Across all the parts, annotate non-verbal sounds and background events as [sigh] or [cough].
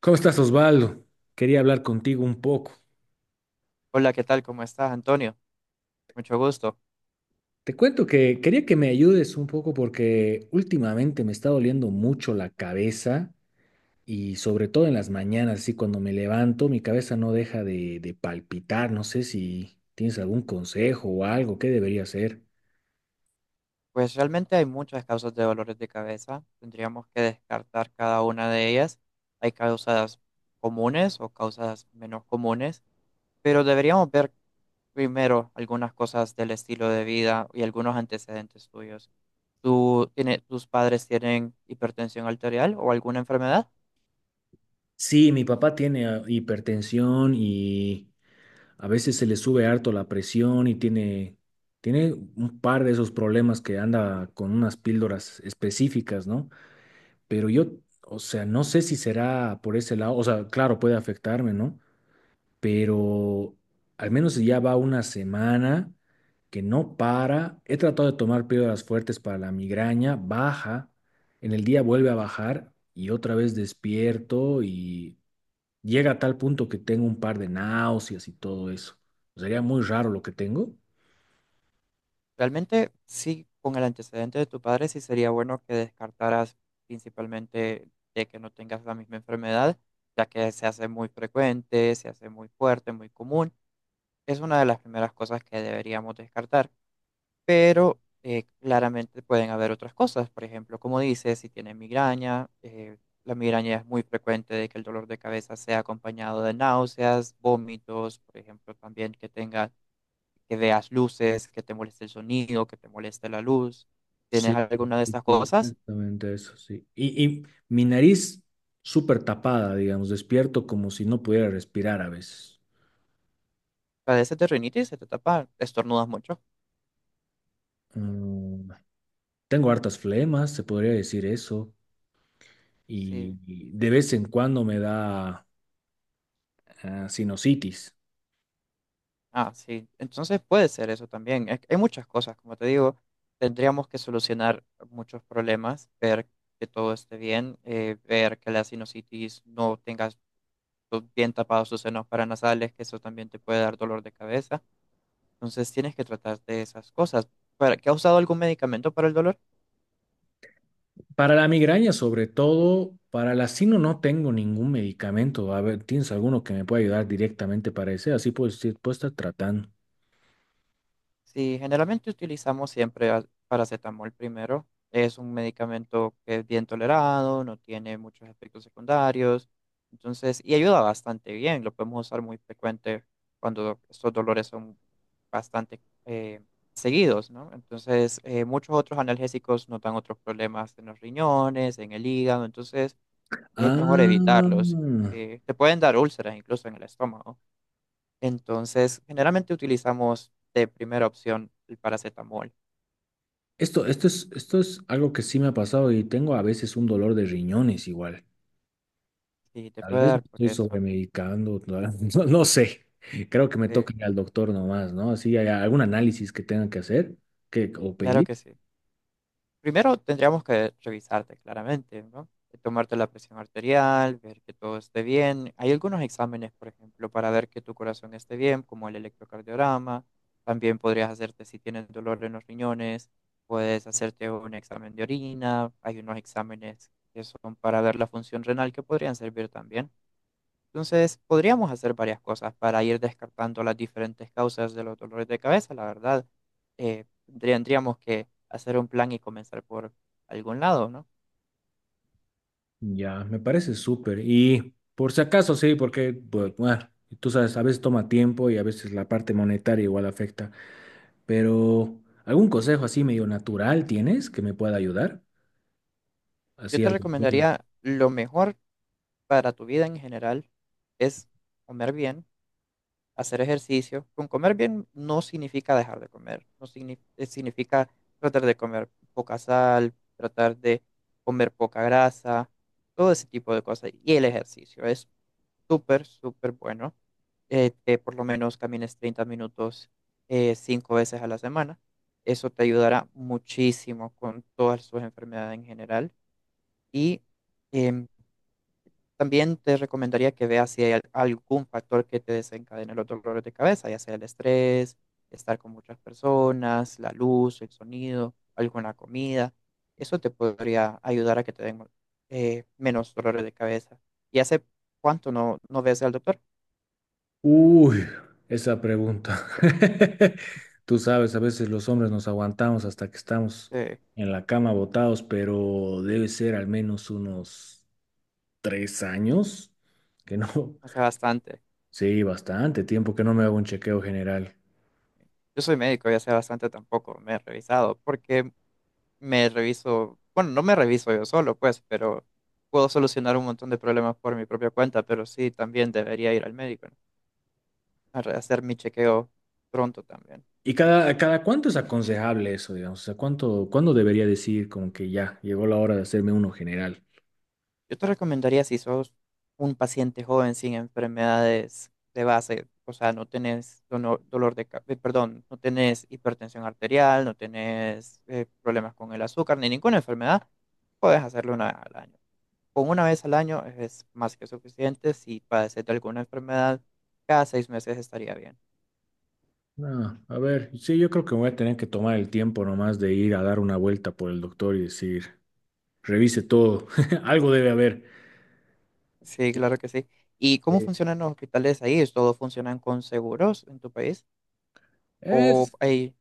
¿Cómo estás, Osvaldo? Quería hablar contigo un poco. Hola, ¿qué tal? ¿Cómo estás, Antonio? Mucho gusto. Te cuento que quería que me ayudes un poco porque últimamente me está doliendo mucho la cabeza y sobre todo en las mañanas, así cuando me levanto, mi cabeza no deja de palpitar. No sé si tienes algún consejo o algo, ¿qué debería hacer? Pues realmente hay muchas causas de dolores de cabeza. Tendríamos que descartar cada una de ellas. Hay causas comunes o causas menos comunes, pero deberíamos ver primero algunas cosas del estilo de vida y algunos antecedentes tuyos. Tus padres tienen hipertensión arterial o alguna enfermedad? Sí, mi papá tiene hipertensión y a veces se le sube harto la presión y tiene, tiene un par de esos problemas que anda con unas píldoras específicas, ¿no? Pero yo, o sea, no sé si será por ese lado, o sea, claro, puede afectarme, ¿no? Pero al menos si ya va una semana que no para. He tratado de tomar píldoras fuertes para la migraña, baja, en el día vuelve a bajar y otra vez despierto y llega a tal punto que tengo un par de náuseas y todo eso. Sería muy raro lo que tengo. Realmente sí, con el antecedente de tu padre sí sería bueno que descartaras principalmente de que no tengas la misma enfermedad, ya que se hace muy frecuente, se hace muy fuerte, muy común. Es una de las primeras cosas que deberíamos descartar, pero claramente pueden haber otras cosas. Por ejemplo, como dices, si tienes migraña, la migraña es muy frecuente de que el dolor de cabeza sea acompañado de náuseas, vómitos, por ejemplo, también que tengas que veas luces, que te moleste el sonido, que te moleste la luz. ¿Tienes Sí, alguna de sí, estas sí, cosas? exactamente eso, sí. Y mi nariz súper tapada, digamos, despierto como si no pudiera respirar a veces. ¿Padeces de rinitis? ¿Se te tapa? ¿Estornudas mucho? Mm, tengo hartas flemas, se podría decir eso, Sí. y de vez en cuando me da sinusitis. Ah, sí. Entonces puede ser eso también. Hay muchas cosas, como te digo, tendríamos que solucionar muchos problemas, ver que todo esté bien, ver que la sinusitis no tengas bien tapados sus senos paranasales, que eso también te puede dar dolor de cabeza. Entonces tienes que tratar de esas cosas. ¿Qué has usado algún medicamento para el dolor? Para la migraña, sobre todo, para la sino no tengo ningún medicamento. A ver, ¿tienes alguno que me pueda ayudar directamente para ese? Así puedo, puedo estar tratando. Sí, generalmente utilizamos siempre paracetamol primero. Es un medicamento que es bien tolerado, no tiene muchos efectos secundarios, entonces, y ayuda bastante bien. Lo podemos usar muy frecuente cuando estos dolores son bastante seguidos, ¿no? Entonces, muchos otros analgésicos nos dan otros problemas en los riñones, en el hígado, entonces es mejor Ah. evitarlos. Te pueden dar úlceras incluso en el estómago. Entonces, generalmente utilizamos de primera opción el paracetamol. Esto es algo que sí me ha pasado y tengo a veces un dolor de riñones igual. Si te Tal puede vez me dar por estoy eso. sobremedicando, [laughs] no, no sé. Creo que me Sí, toca ir al doctor nomás, ¿no? Así hay algún análisis que tengan que hacer que, o claro pedir. que sí. Primero tendríamos que revisarte claramente, ¿no? Tomarte la presión arterial, ver que todo esté bien. Hay algunos exámenes, por ejemplo, para ver que tu corazón esté bien, como el electrocardiograma. También podrías hacerte si tienes dolor en los riñones, puedes hacerte un examen de orina. Hay unos exámenes que son para ver la función renal que podrían servir también. Entonces, podríamos hacer varias cosas para ir descartando las diferentes causas de los dolores de cabeza, la verdad. Eh, tendríamos que hacer un plan y comenzar por algún lado, ¿no? Ya, me parece súper. Y por si acaso, sí, porque, pues, bueno, tú sabes, a veces toma tiempo y a veces la parte monetaria igual afecta. Pero, ¿algún consejo así medio natural tienes que me pueda ayudar? Yo Así te algo. recomendaría lo mejor para tu vida en general es comer bien, hacer ejercicio. Con comer bien no significa dejar de comer, no signi- significa tratar de comer poca sal, tratar de comer poca grasa, todo ese tipo de cosas. Y el ejercicio es súper, súper bueno, que por lo menos camines 30 minutos cinco veces a la semana. Eso te ayudará muchísimo con todas sus enfermedades en general. Y em, también te recomendaría que veas si hay algún factor que te desencadene los dolores de cabeza, ya sea el estrés, estar con muchas personas, la luz, el sonido, alguna comida. Eso te podría ayudar a que te den menos dolores de cabeza. ¿Y hace cuánto no ves al doctor? Uy, esa pregunta. [laughs] Tú sabes, a veces los hombres nos aguantamos hasta que estamos Sí, en la cama botados, pero debe ser al menos unos 3 años que no. [laughs] no sé bastante. Sí, bastante tiempo que no me hago un chequeo general. Yo soy médico, ya sé bastante tampoco. Me he revisado porque me reviso, bueno, no me reviso yo solo, pues, pero puedo solucionar un montón de problemas por mi propia cuenta, pero sí, también debería ir al médico, ¿no? Hacer mi chequeo pronto también. ¿Y cada cuánto es aconsejable eso, digamos? O sea, ¿cuándo debería decir como que ya llegó la hora de hacerme uno general? Yo te recomendaría si sos un paciente joven sin enfermedades de base, o sea, no tenés dono- dolor de, ca- perdón, no tenés hipertensión arterial, no tenés problemas con el azúcar ni ninguna enfermedad, puedes hacerlo una vez al año. Con una vez al año es más que suficiente. Si padeces de alguna enfermedad, cada 6 meses estaría bien. No, a ver, sí, yo creo que voy a tener que tomar el tiempo nomás de ir a dar una vuelta por el doctor y decir. Revise todo. [laughs] Algo debe haber. Sí, claro que sí. ¿Y cómo Sí. funcionan los hospitales ahí? ¿Todos funcionan con seguros en tu país? ¿O Es hay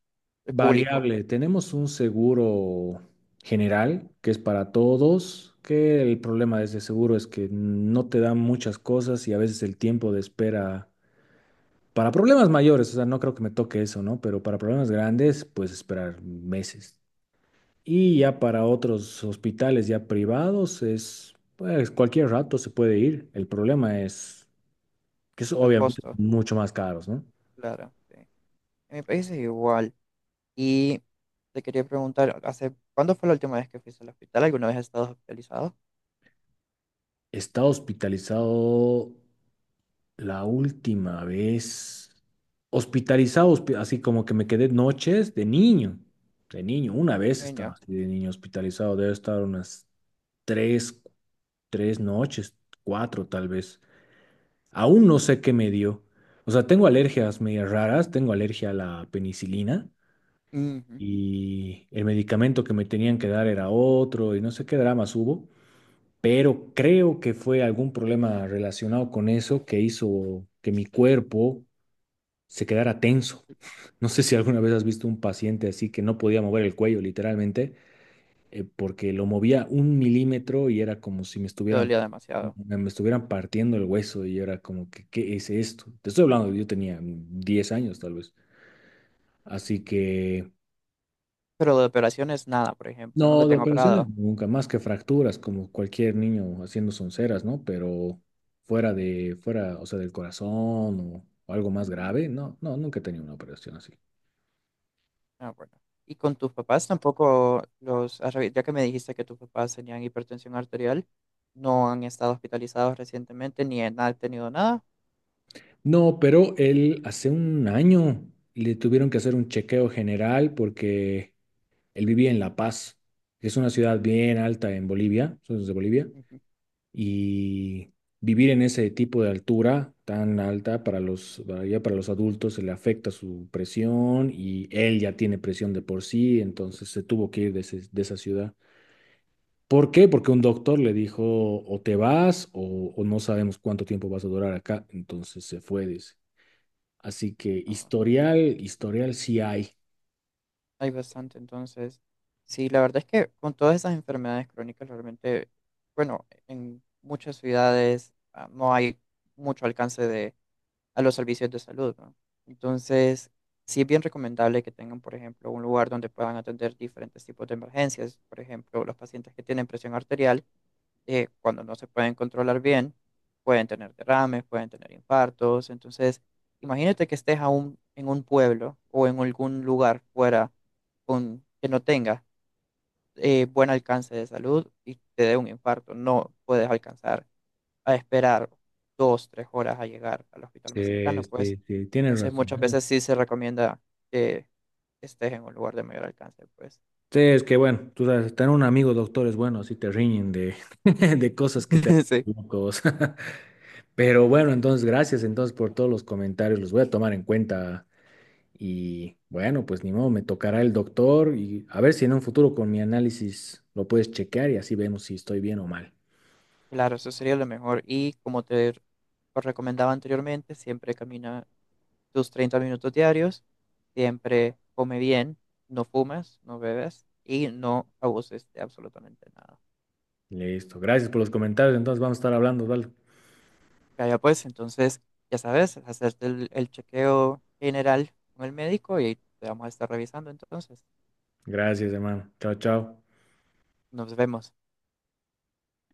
el público? variable. Tenemos un seguro general que es para todos, que el problema de ese seguro es que no te dan muchas cosas y a veces el tiempo de espera para problemas mayores, o sea, no creo que me toque eso, ¿no? Pero para problemas grandes, pues esperar meses. Y ya para otros hospitales ya privados es, pues cualquier rato se puede ir. El problema es que es El obviamente costo, mucho más caros, ¿no? claro. Sí. En mi país es igual. Y te quería preguntar, ¿hace cuándo fue la última vez que fuiste al hospital? ¿Alguna vez has estado hospitalizado? Está hospitalizado la última vez. Hospitalizado, así como que me quedé noches de niño. De niño, una vez estaba Niño. así de niño hospitalizado. Debe estar unas tres, 3 noches, cuatro tal vez. Aún no sé qué me dio. O sea, tengo alergias medias raras. Tengo alergia a la penicilina Ujú. y el medicamento que me tenían que dar era otro y no sé qué dramas hubo pero creo que fue algún problema relacionado con eso que hizo que mi cuerpo se quedara tenso. [laughs] No sé si alguna vez has visto un paciente así que no podía mover el cuello literalmente, porque lo movía un milímetro y era como si me Te estuvieran, dolía demasiado. me estuvieran partiendo el hueso y era como que, ¿qué es esto? Te estoy hablando, yo tenía 10 años tal vez. Así Sí. que Pero de operaciones, nada, por ejemplo. Nunca no, te de han operaciones operado. nunca, más que fracturas, como cualquier niño haciendo sonceras, ¿no? Pero fuera, o sea, del corazón o algo más grave, no, no, nunca he tenido una operación así. Ah, bueno. Y con tus papás tampoco los has ya que me dijiste que tus papás tenían hipertensión arterial, no han estado hospitalizados recientemente ni han tenido nada. No, pero él hace un año le tuvieron que hacer un chequeo general porque él vivía en La Paz, que es una ciudad bien alta en Bolivia, soy de Bolivia, Ujú. y vivir en ese tipo de altura tan alta para los, para ya para los adultos se le afecta su presión y él ya tiene presión de por sí, entonces se tuvo que ir de, de esa ciudad. ¿Por qué? Porque un doctor le dijo o te vas o no sabemos cuánto tiempo vas a durar acá, entonces se fue, dice. Así que historial, historial sí hay. Hay bastante, entonces, sí, la verdad es que con todas esas enfermedades crónicas realmente, bueno, en muchas ciudades no hay mucho alcance de, a los servicios de salud, ¿no? Entonces, sí es bien recomendable que tengan, por ejemplo, un lugar donde puedan atender diferentes tipos de emergencias, por ejemplo, los pacientes que tienen presión arterial cuando no se pueden controlar bien, pueden tener derrames, pueden tener infartos. Entonces, imagínate que estés aún en un pueblo o en algún lugar fuera con, que no tenga buen alcance de salud y te dé un infarto. No puedes alcanzar a esperar 2, 3 horas a llegar al hospital más Sí, cercano, pues. sí, sí, tienes Entonces, razón. muchas veces sí se recomienda que estés en un lugar de mayor alcance, pues. Sí, es que bueno, tú sabes, tener un amigo doctor es bueno, así te riñen de, [laughs] de cosas que te [laughs] Sí. hacen locos. [laughs] Pero bueno, Sí. entonces gracias entonces por todos los comentarios, los voy a tomar en cuenta y bueno, pues ni modo, me tocará el doctor y a ver si en un futuro con mi análisis lo puedes chequear y así vemos si estoy bien o mal. Claro, eso sería lo mejor. Y como te os recomendaba anteriormente, siempre camina tus 30 minutos diarios, siempre come bien, no fumas, no bebes y no abuses de absolutamente nada. Listo, gracias por los comentarios, entonces vamos a estar hablando, ¿vale? Ya, ya pues, entonces, ya sabes, hacerte el chequeo general con el médico y te vamos a estar revisando entonces. Gracias, hermano. Chao, chao. Nos vemos.